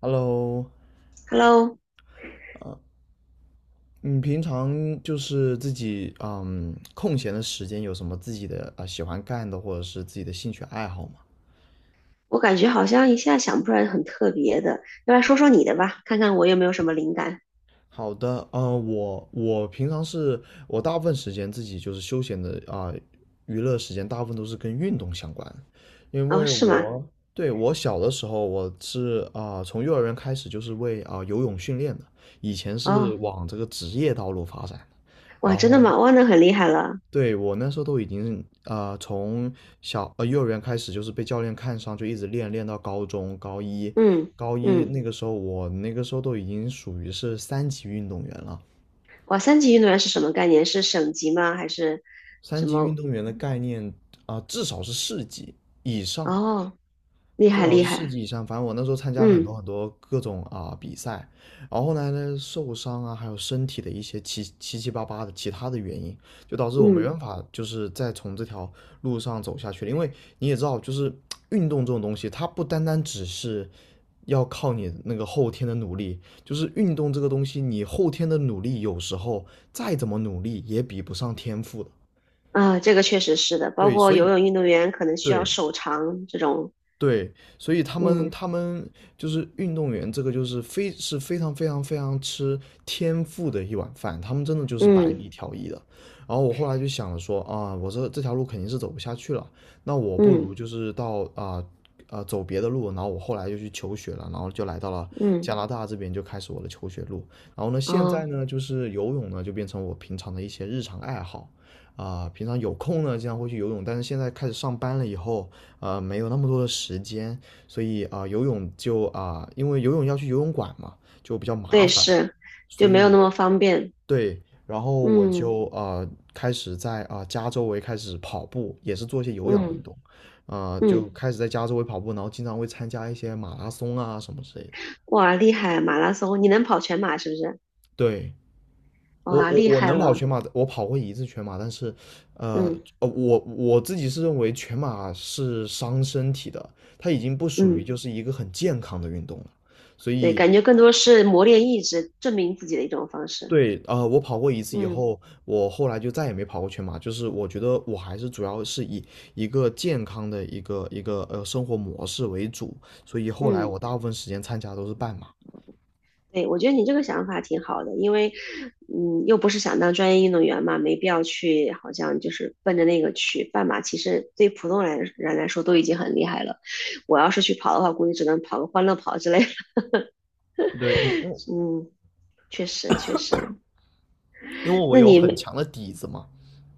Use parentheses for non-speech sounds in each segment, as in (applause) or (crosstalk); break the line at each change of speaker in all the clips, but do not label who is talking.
Hello，
Hello，
你平常就是自己空闲的时间有什么自己的喜欢干的或者是自己的兴趣爱好吗？
我感觉好像一下想不出来很特别的，要不来说说你的吧，看看我有没有什么灵感。
好的，我平常是，我大部分时间自己就是休闲的娱乐时间大部分都是跟运动相关，因
哦，
为
是吗？
我，对，我小的时候我是从幼儿园开始就是为游泳训练的，以前是
哦，
往这个职业道路发展的。
哇，
然
真的
后
吗？哇，那很厉害了。
对，我那时候都已经从幼儿园开始就是被教练看上，就一直练到高中高一，
嗯
高一
嗯，
那个时候我那个时候都已经属于是三级运动员了。
哇，三级运动员是什么概念？是省级吗？还是
三
什
级运
么？
动员的概念至少是四级以上，
哦，厉
至
害
少
厉
是四
害。
级以上。反正我那时候参加很
嗯
多很多各种比赛，然后后来呢，那受伤啊，还有身体的一些七七八八的其他的原因，就导致我没
嗯
办法就是再从这条路上走下去了。因为你也知道，就是运动这种东西，它不单单只是要靠你那个后天的努力，就是运动这个东西，你后天的努力有时候再怎么努力也比不上天赋的。
啊，这个确实是的，包
对，
括
所
游
以
泳运动员可能需要
对，
手长这种。
对，所以他们
嗯
他们就是运动员，这个就是非是非常非常非常吃天赋的一碗饭，他们真的就是百
嗯
里挑一的。然后我后来就想了说啊，我这条路肯定是走不下去了，那我不
嗯
如就是到走别的路。然后我后来就去求学了，然后就来到了
嗯，
加拿大这边，就开始我的求学路。然后呢，现在
哦，
呢就是游泳呢就变成我平常的一些日常爱好。平常有空呢，经常会去游泳，但是现在开始上班了以后，没有那么多的时间，所以游泳就因为游泳要去游泳馆嘛，就比较麻
对，
烦，
是，就
所
没
以
有那么方便。
对。然后我
嗯
就开始在家周围开始跑步，也是做一些有氧
嗯。
运动，
嗯，
就开始在家周围跑步，然后经常会参加一些马拉松啊什么之类的。
哇，厉害！马拉松，你能跑全马是不是？
对，我
哇，
我
厉
我
害
能跑
了。
全马的，我跑过一次全马，但是，呃
嗯
我自己是认为全马是伤身体的，它已经不属于
嗯，
就是一个很健康的运动了。所
对，
以，
感觉更多是磨练意志、证明自己的一种方式。
对，我跑过一次以
嗯
后，我后来就再也没跑过全马，就是我觉得我还是主要是以一个健康的一个生活模式为主，所以后来
嗯，
我大部分时间参加都是半马。
对，我觉得你这个想法挺好的，因为又不是想当专业运动员嘛，没必要去，好像就是奔着那个去。半马其实对普通人来说都已经很厉害了，我要是去跑的话，估计只能跑个欢乐跑之类的。(laughs)
对，
嗯，确实确实。
因为我
那
有很
你
强的底子嘛。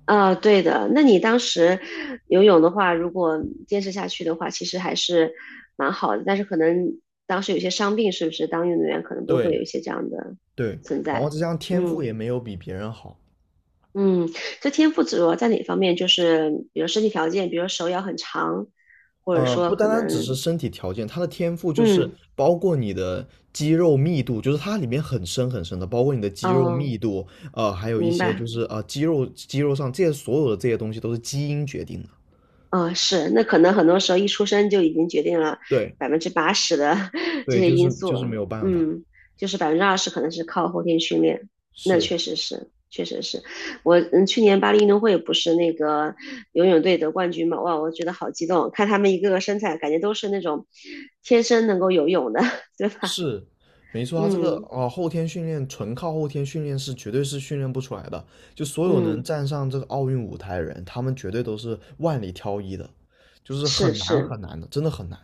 啊，对的。那你当时游泳的话，如果坚持下去的话，其实还是蛮好的。但是可能当时有些伤病，是不是？当运动员可能都会有
对
一些这样的
对，
存
然后
在。
再加上天赋
嗯
也没有比别人好，
嗯，这天赋主要在哪方面？就是比如身体条件，比如手要很长，或者说
不单
可
单只是
能，
身体条件，他的天赋就是
嗯
包括你的肌肉密度，就是它里面很深很深的，包括你的肌肉
哦，
密度，还有一
明
些就
白。
是肌肉上这些所有的这些东西都是基因决定的。
嗯，是，那可能很多时候一出生就已经决定了
对
80%的 (laughs) 这
对，
些
就
因
是就
素，
是没有办法，
嗯，就是20%可能是靠后天训练，那
是
确实是，确实是。我去年巴黎运动会不是那个游泳队得冠军嘛？哇，我觉得好激动，看他们一个个身材，感觉都是那种天生能够游泳的，(laughs) 对吧？
是，没错，他这个
嗯
后天训练纯靠后天训练是绝对是训练不出来的，就所有能
嗯，
站上这个奥运舞台的人，他们绝对都是万里挑一的，就是
是
很难
是
很难的，真的很难。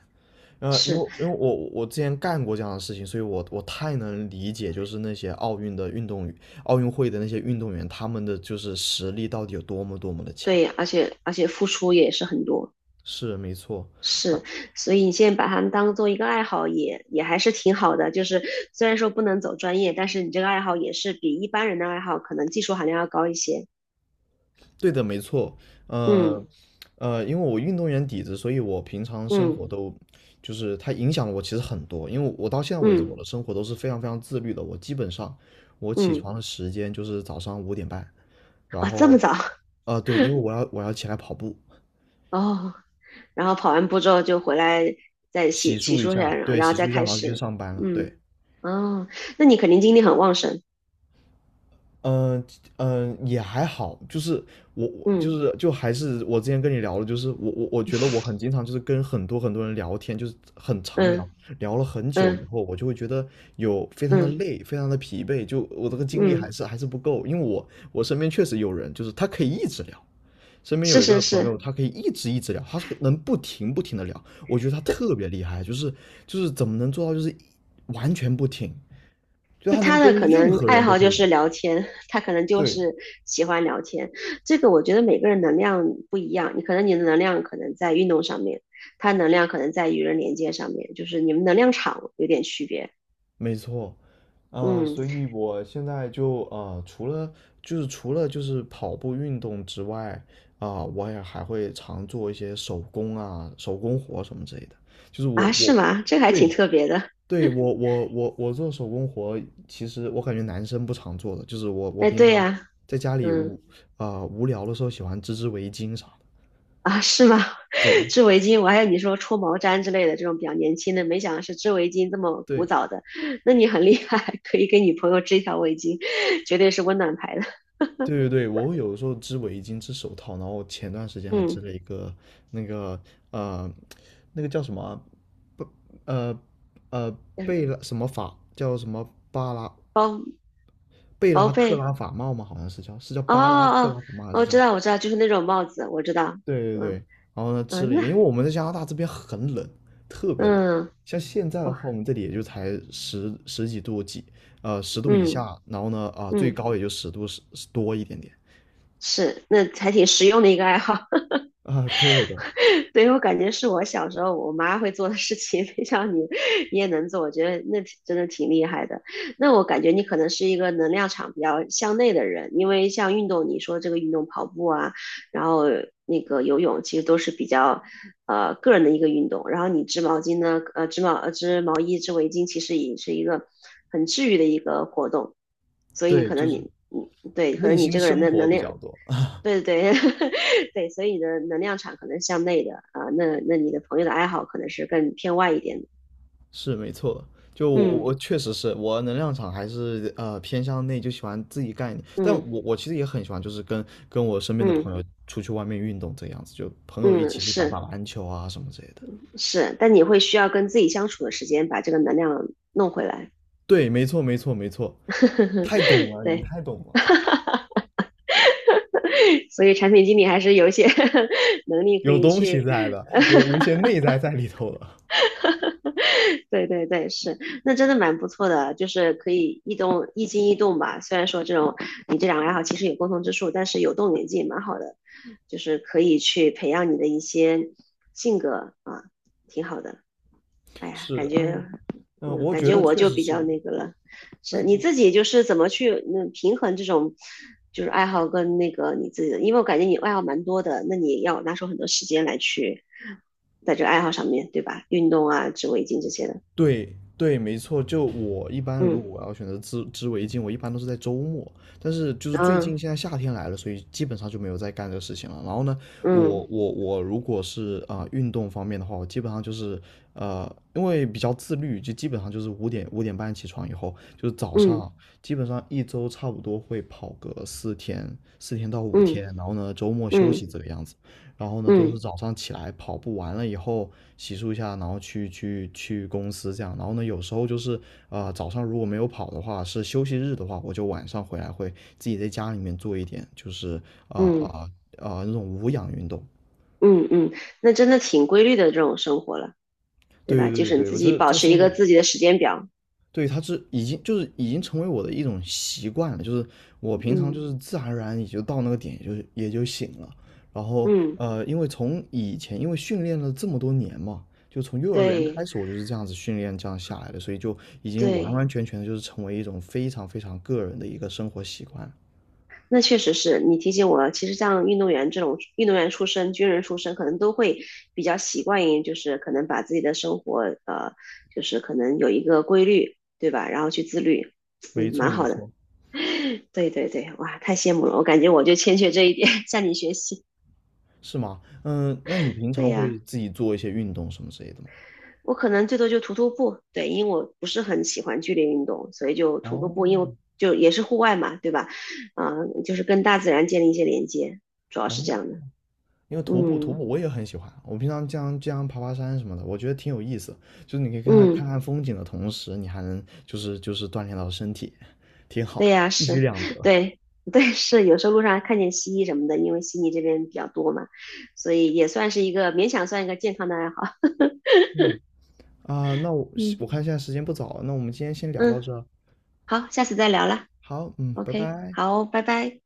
因为
是，
因为我之前干过这样的事情，所以我太能理解，就是那些奥运的运动员、奥运会的那些运动员，他们的就是实力到底有多么多么的强。
对，而且付出也是很多。
是，没错。
是，所以你现在把它们当做一个爱好也还是挺好的。就是虽然说不能走专业，但是你这个爱好也是比一般人的爱好可能技术含量要高一些。
对的，没错。呃
嗯
因为我运动员底子，所以我平常生
嗯
活都就是它影响了我其实很多。因为我到现在为止，我
嗯
的生活都是非常非常自律的。我基本上，我起
嗯，
床的时间就是早上五点半，然
哦，这么
后
早。
对，因为我要起来跑步。
哦，然后跑完步之后就回来再
洗
洗洗
漱一
漱一下，
下，
然后
对，
然后
洗
再
漱一下，
开
然后就去
始。
上班了。
嗯，
对，
哦，那你肯定精力很旺盛。
嗯、也还好，就是我
嗯
就是就还是我之前跟你聊的，就是我觉得我很经常就是跟很多很多人聊天，就是很常聊，
嗯
聊了很久以
嗯
后，我就会觉得有非常的
嗯
累，非常的疲惫，就我这个精力还
嗯，
是还是不够，因为我身边确实有人就是他可以一直聊。身边有
是
一
是
个朋友，
是，
他可以一直一直聊，他是能不停不停的聊，我觉得他特别厉害，就是怎么能做到就是完全不停，就
就
他
他
能跟
的可
任
能
何
爱
人都
好
可
就
以
是
聊。
聊天，(laughs) 他可能就
对，
是喜欢聊天。这个我觉得每个人能量不一样，你可能你的能量可能在运动上面，他能量可能在与人连接上面，就是你们能量场有点区别。
没错。
嗯，
所以我现在就除了除了跑步运动之外，我也还会常做一些手工活什么之类的。就是
啊，是吗？这个还挺
对
特别的。
对，我做手工活，其实我感觉男生不常做的，就是我
哎，
平
对
常
呀，
在家里
嗯，
无聊的时候喜欢织围巾啥的。
啊，是吗？
对
(laughs) 织围巾，我还有你说戳毛毡之类的这种比较年轻的，没想到是织围巾这么古
对，
早的。(laughs) 那你很厉害，可以给女朋友织一条围巾，(laughs) 绝对是温暖牌的。
对对对，我有的时候织围巾、织手套，然后前段时间还织
嗯，
了一个那个，呃，那个叫什么不，呃呃贝拉什么法叫什么，巴拉
包
贝
薄
拉克
被，
拉法帽吗？好像是叫
哦
巴拉
哦
克
哦，
拉法帽，还是
我
叫？
知道，我知道，就是那种帽子，我知道。
对对对，
嗯
然后呢织
嗯，
了一
那
个，因为我们在加拿大这边很冷，特别冷。
嗯，
像现在的
哇，
话，我们这里也就才十几度，十度以
嗯
下，然后呢最
嗯，
高也就十度，十多一点点
是，那还挺实用的一个爱好。
(laughs) 对的。
对，我感觉是我小时候我妈会做的事情，(laughs) 没想到你也能做，我觉得真的挺厉害的。那我感觉你可能是一个能量场比较向内的人，因为像运动，你说这个运动跑步啊，然后那个游泳，其实都是比较个人的一个运动。然后你织毛巾呢，织毛衣、织围巾，其实也是一个很治愈的一个活动。所以你
对，
可
就
能
是
你对，可
内
能你
心
这个人
生
的
活
能
比
量
较多，
对对对，(laughs) 对，所以你的能量场可能向内的啊，那你的朋友的爱好可能是更偏外一点的。
(laughs) 是没错的，就我
嗯
确实是我能量场还是偏向内，就喜欢自己干一点。但
嗯
我其实也很喜欢，就是跟我身边的朋
嗯
友出去外面运动这样子，就朋友一
嗯，
起去打打
是
篮球啊什么之类的。
是，但你会需要跟自己相处的时间，把这个能量弄回来。
对，没错没错没错，
(laughs)
太懂了，你
对，
太懂了，
(laughs) 所以产品经理还是有一些 (laughs) 能力可
有
以
东西
去
在的，有一些内在在里头了。
(laughs) 对对对，是，那真的蛮不错的，就是可以一动一静一动吧。虽然说这种你这两个爱好其实有共同之处，但是有动有静也蛮好的，就是可以去培养你的一些性格啊，挺好的。哎呀，感
是，
觉，
嗯嗯，
嗯，
我
感
觉
觉
得
我
确
就
实
比较
是。
那个了。是你
那
自己就是怎么去平衡这种就是爱好跟那个你自己的，因为我感觉你爱好蛮多的，那你要拿出很多时间来去在这个爱好上面，对吧？运动啊、织围巾这些的。
对对，没错。就我一般，如果
嗯
我要选择织围巾，我一般都是在周末。但是就是最
嗯
近现在夏天来了，所以基本上就没有在干这个事情了。然后呢，我
嗯
我我如果是运动方面的话，我基本上就是呃，因为比较自律，就基本上就是五点半起床以后，就是早
嗯
上基本上一周差不多会跑个四天到五
嗯
天，然后呢周末休息
嗯
这个样子。然后呢，都是
嗯
早上起来跑步完了以后洗漱一下，然后去公司这样。然后呢，有时候就是早上如果没有跑的话，是休息日的话，我就晚上回来会自己在家里面做一点，就是啊
嗯
啊那种无氧运动。
嗯嗯，那真的挺规律的这种生活了，对
对
吧？
对
就
对
是你
对，
自
我
己
这
保
这
持一
生
个
活，
自己的时间表。
对，它已经成为我的一种习惯了，就是我平常就
嗯
是自然而然也就到那个点，也就醒了。然后
嗯，
因为从以前因为训练了这么多年嘛，就从幼儿园开
对
始我就是这样子训练这样下来的，所以就已经完
对，
完全全的就是成为一种非常非常个人的一个生活习惯了。
那确实是你提醒我了其实像运动员这种运动员出身、军人出身，可能都会比较习惯于，就是可能把自己的生活，就是可能有一个规律，对吧？然后去自律，
没
嗯，
错，
蛮
没
好的。
错。
对对对，哇，太羡慕了，我感觉我就欠缺这一点，(laughs) 向你学习。
是吗？嗯，那你平
对
常
呀，
会自己做一些运动什么之类的吗？
我可能最多就徒步，对，因为我不是很喜欢剧烈运动，所以就徒个
哦，
步，因为我就也是户外嘛，对吧？啊、就是跟大自然建立一些连接，主要是
哦，
这样的。
因为徒步徒
嗯
步我也很喜欢，我平常经常爬爬山什么的，我觉得挺有意思。就是你可以看看
嗯，
看看风景的同时，你还能就是锻炼到身体，挺
对
好，
呀，
一举
是，
两得。
对对是，有时候路上还看见蜥蜴什么的，因为悉尼这边比较多嘛，所以也算是一个勉强算一个健康的爱好。
对啊，那我
嗯
我看现在时间不早了，那我们今天先聊到
嗯，
这儿。
好，下次再聊了。
好，嗯，拜
OK，
拜。
好，拜拜。